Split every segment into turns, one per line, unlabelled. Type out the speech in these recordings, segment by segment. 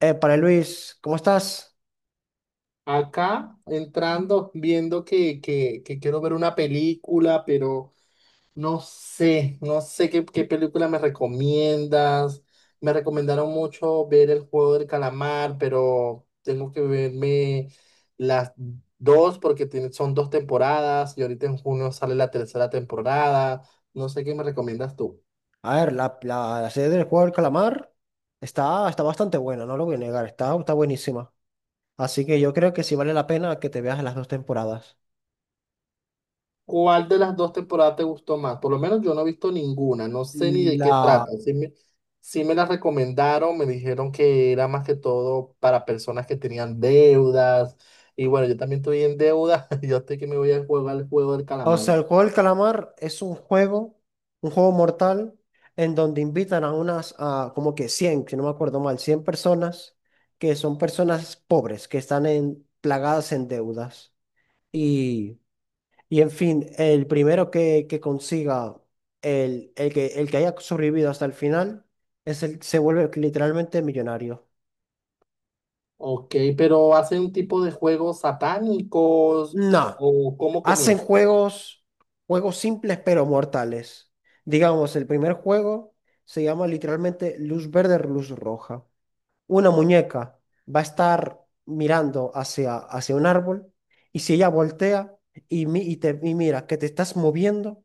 Para Luis, ¿cómo estás?
Acá entrando, viendo que quiero ver una película, pero no sé qué película me recomiendas. Me recomendaron mucho ver El Juego del Calamar, pero tengo que verme las dos porque son dos temporadas y ahorita en junio sale la tercera temporada. No sé qué me recomiendas tú.
A ver, la serie del juego del calamar está bastante buena, no lo voy a negar, está buenísima. Así que yo creo que sí vale la pena que te veas las dos temporadas.
¿Cuál de las dos temporadas te gustó más? Por lo menos yo no he visto ninguna, no sé ni de qué
La,
trata. Sí me la recomendaron, me dijeron que era más que todo para personas que tenían deudas. Y bueno, yo también estoy en deuda, yo estoy que me voy a jugar el juego del
o
calamar.
sea, el juego del calamar es un juego mortal, en donde invitan a unas, a como que 100, si no me acuerdo mal, 100 personas, que son personas pobres, que están en, plagadas en deudas. Y Y en fin, el primero que consiga, el que haya sobrevivido hasta el final, es el, se vuelve literalmente millonario.
Ok, pero ¿hacen un tipo de juegos satánicos
No,
o cómo
hacen
comienza?
juegos, juegos simples pero mortales. Digamos, el primer juego se llama literalmente Luz Verde, Luz Roja. Una muñeca va a estar mirando hacia un árbol y si ella voltea y mira que te estás moviendo,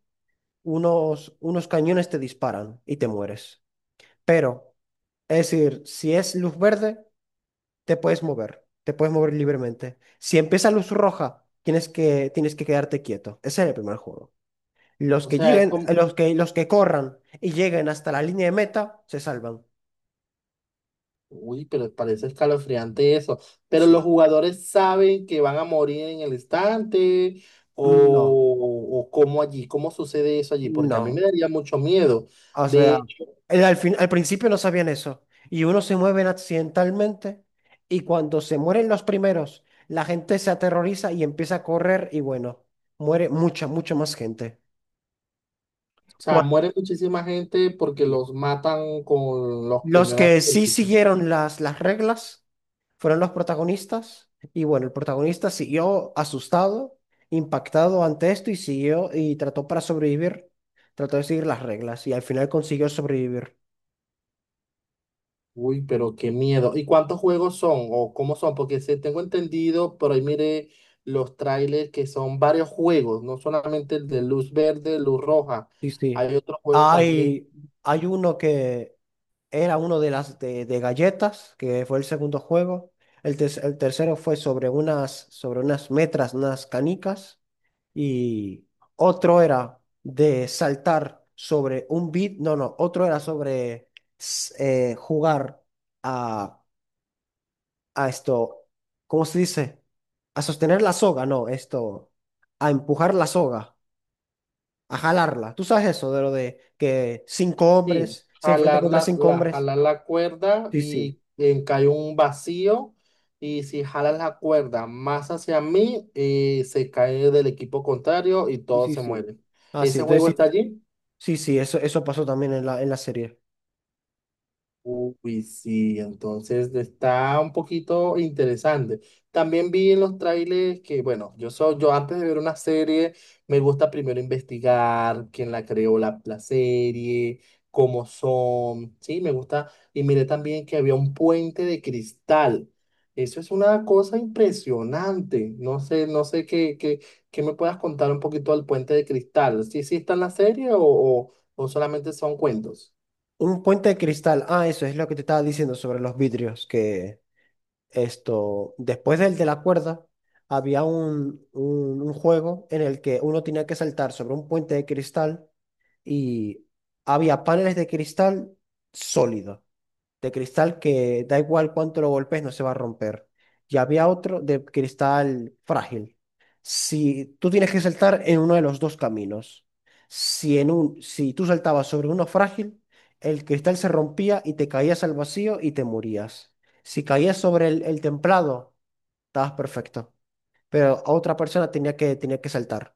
unos cañones te disparan y te mueres. Pero, es decir, si es luz verde, te puedes mover libremente. Si empieza luz roja, tienes que quedarte quieto. Ese es el primer juego. Los
O
que
sea, es
lleguen,
como-
los que corran y lleguen hasta la línea de meta, se salvan.
Uy, pero parece escalofriante eso. Pero los
Sí.
jugadores saben que van a morir en el instante
No,
o cómo allí, cómo sucede eso allí, porque a mí
no.
me daría mucho miedo.
O sea,
De,
al principio no sabían eso. Y unos se mueven accidentalmente. Y cuando se mueren los primeros, la gente se aterroriza y empieza a correr. Y bueno, muere mucha más gente.
o sea,
Cuando,
muere muchísima gente porque
sí.
los matan con los
Los
peñonazos.
que sí siguieron las reglas fueron los protagonistas. Y bueno, el protagonista siguió asustado, impactado ante esto y siguió y trató para sobrevivir. Trató de seguir las reglas y al final consiguió sobrevivir.
Uy, pero qué miedo. ¿Y cuántos juegos son o cómo son? Porque se tengo entendido, por ahí mire los trailers que son varios juegos, no solamente el de luz verde, luz roja.
Sí, sí.
Hay otros juegos también.
Hay, hay uno que era uno de galletas, que fue el segundo juego. El tercero fue sobre sobre unas metras, unas canicas. Y otro era de saltar sobre un beat, no, no, otro era sobre jugar a, a esto, ¿cómo se dice? A sostener la soga, no, esto, a empujar la soga, a jalarla. ¿Tú sabes eso de lo de que cinco
Sí,
hombres se enfrentan contra cinco hombres?
jalar la cuerda
Sí, sí,
y cae un vacío. Y si jalas la cuerda más hacia mí, se cae del equipo contrario y
sí,
todos
sí.
se
sí.
mueren.
Ah, sí,
¿Ese
entonces
juego está
sí,
allí?
sí, sí, eso, eso pasó también en la serie.
Uy, sí, entonces está un poquito interesante. También vi en los trailers que, bueno, yo antes de ver una serie, me gusta primero investigar quién la creó la serie, cómo son, sí, me gusta. Y miré también que había un puente de cristal. Eso es una cosa impresionante. No sé qué me puedas contar un poquito del puente de cristal. ¿Sí, sí está en la serie o o solamente son cuentos?
Un puente de cristal, ah, eso es lo que te estaba diciendo sobre los vidrios, que... Esto, después del de la cuerda, había un juego en el que uno tenía que saltar sobre un puente de cristal y había paneles de cristal sólido de cristal que da igual cuánto lo golpes, no se va a romper. Y había otro de cristal frágil. Si tú tienes que saltar en uno de los dos caminos, si tú saltabas sobre uno frágil, el cristal se rompía y te caías al vacío y te morías. Si caías sobre el templado, estabas perfecto, pero a otra persona tenía que saltar.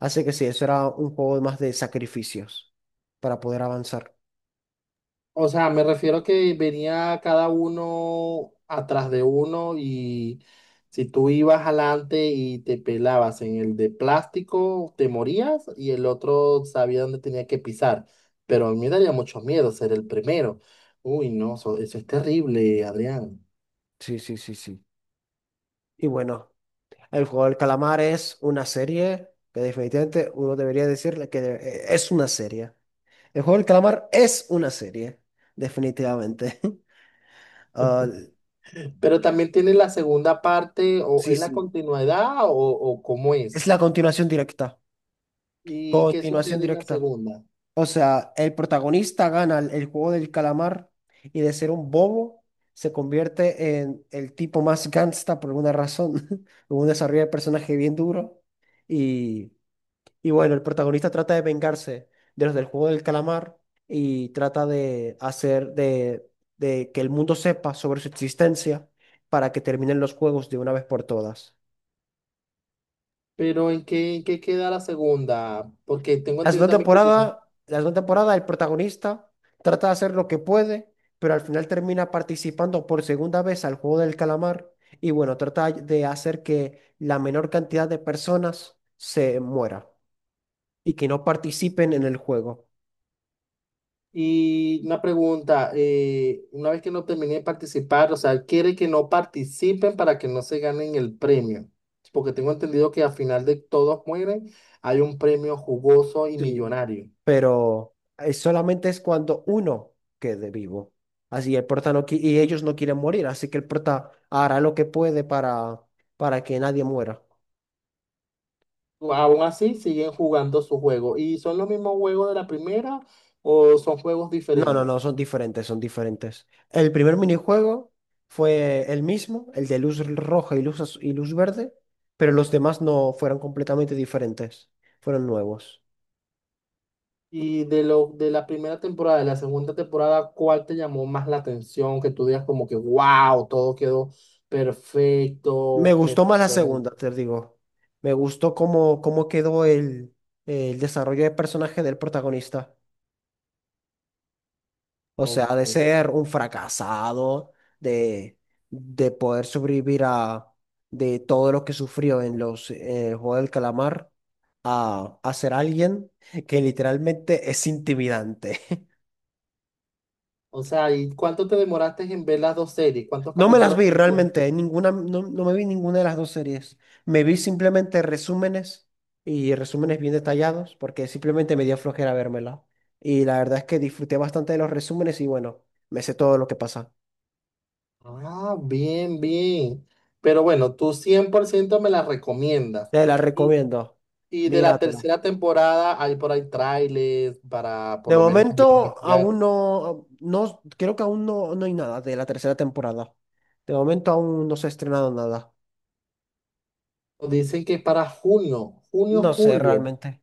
Así que sí, eso era un juego más de sacrificios para poder avanzar.
O sea, me refiero a que venía cada uno atrás de uno y si tú ibas adelante y te pelabas en el de plástico, te morías y el otro sabía dónde tenía que pisar. Pero a mí me daría mucho miedo ser el primero. Uy, no, eso es terrible, Adrián.
Sí, sí, sí, sí. Y bueno. El juego del calamar es una serie que definitivamente uno debería decirle que es una serie. El juego del calamar es una serie, definitivamente. Ah,
Pero también tiene la segunda parte, o
sí,
es la
sí.
continuidad o cómo es.
Es la continuación directa.
¿Y qué
Continuación
sucede en la
directa.
segunda?
O sea, el protagonista gana el juego del calamar y de ser un bobo se convierte en el tipo más gangsta por alguna razón, en un desarrollo de personaje bien duro. Y Y bueno, el protagonista trata de vengarse de los del juego del calamar y trata de de que el mundo sepa sobre su existencia para que terminen los juegos de una vez por todas.
Pero en qué queda la segunda? Porque tengo entendido también que llegaste.
La segunda temporada, el protagonista trata de hacer lo que puede, pero al final termina participando por segunda vez al juego del calamar y bueno, trata de hacer que la menor cantidad de personas se muera y que no participen en el juego.
Y una pregunta, una vez que no terminen de participar, o sea, quiere que no participen para que no se ganen el premio, porque tengo entendido que al final de todos mueren, hay un premio jugoso y
Sí.
millonario.
Solamente es cuando uno quede vivo. Así el prota no qui- y ellos no quieren morir, así que el prota hará lo que puede para que nadie muera.
Aún así, siguen jugando su juego. ¿Y son los mismos juegos de la primera o son juegos
No, no, no,
diferentes?
son diferentes, son diferentes. El primer minijuego fue el mismo, el de luz roja y luz verde, pero los demás no fueron completamente diferentes, fueron nuevos.
Y de la primera temporada, de la segunda temporada, ¿cuál te llamó más la atención? Que tú digas como que, wow, todo quedó
Me
perfecto.
gustó
Me...
más la segunda, te digo. Me gustó cómo quedó el desarrollo de personaje del protagonista. O sea,
Ok.
de ser un fracasado, de, de poder sobrevivir a de todo lo que sufrió en el juego del calamar, a ser alguien que literalmente es intimidante.
O sea, ¿y cuánto te demoraste en ver las dos series? ¿Cuántos
No me las
capítulos
vi
tuvieron?
realmente, ninguna, no me vi ninguna de las dos series. Me vi simplemente resúmenes y resúmenes bien detallados, porque simplemente me dio flojera vérmela. Y la verdad es que disfruté bastante de los resúmenes y bueno, me sé todo lo que pasa.
Ah, bien, bien. Pero bueno, tú 100% me las recomiendas.
Te la
Y,
recomiendo.
y de la
Míratela.
tercera temporada hay por ahí trailers para por
De
lo menos también
momento,
investigar.
aún no, no, creo que aún no hay nada de la tercera temporada. De momento aún no se ha estrenado nada.
Dicen que para junio, junio,
No sé
julio.
realmente.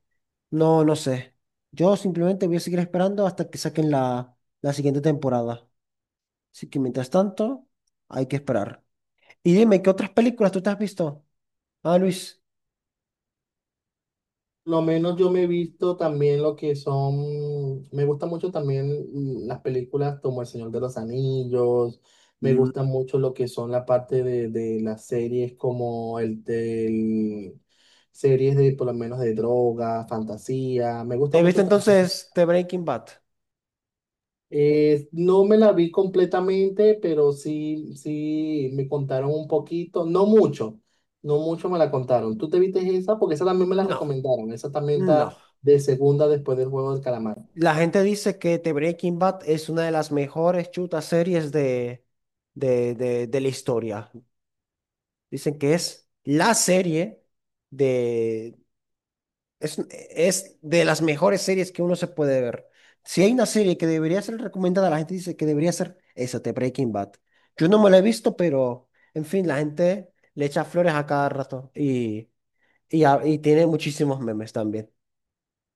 No, no sé. Yo simplemente voy a seguir esperando hasta que saquen la siguiente temporada. Así que mientras tanto, hay que esperar. Y dime, ¿qué otras películas tú te has visto? Ah, Luis.
Lo menos yo me he visto también lo que son, me gustan mucho también las películas como El Señor de los Anillos, me
Mm.
gusta mucho lo que son la parte de las series como el del, series de por lo menos de droga, fantasía, me gusta
¿Te viste
mucho también.
entonces The Breaking Bad?
Eh, no me la vi completamente, pero sí, sí me contaron un poquito, no mucho, no mucho me la contaron. ¿Tú te viste esa? Porque esa también me la
No,
recomendaron. Esa también
no.
está de segunda después del juego del calamar.
La gente dice que The Breaking Bad es una de las mejores chutas series de la historia. Dicen que es la serie de... es de las mejores series que uno se puede ver. Si hay una serie que debería ser recomendada, la gente dice que debería ser esa, The Breaking Bad. Yo no me la he visto, pero en fin, la gente le echa flores a cada rato y tiene muchísimos memes también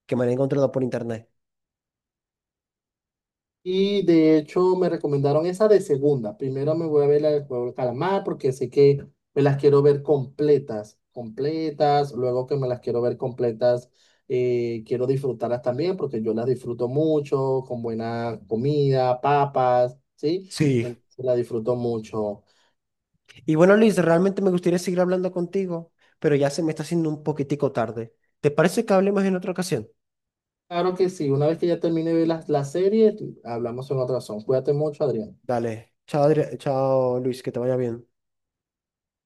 que me han encontrado por internet.
Y de hecho me recomendaron esa de segunda. Primero me voy a ver la del juego del calamar porque sé que me las quiero ver completas, completas. Luego que me las quiero ver completas, quiero disfrutarlas también porque yo las disfruto mucho, con buena comida, papas, ¿sí?
Sí.
Entonces las disfruto mucho.
Y bueno, Luis, realmente me gustaría seguir hablando contigo, pero ya se me está haciendo un poquitico tarde. ¿Te parece que hablemos en otra ocasión?
Claro que sí, una vez que ya termine de ver las series, hablamos en otra razón. Cuídate mucho, Adrián.
Dale, chao Luis, que te vaya bien.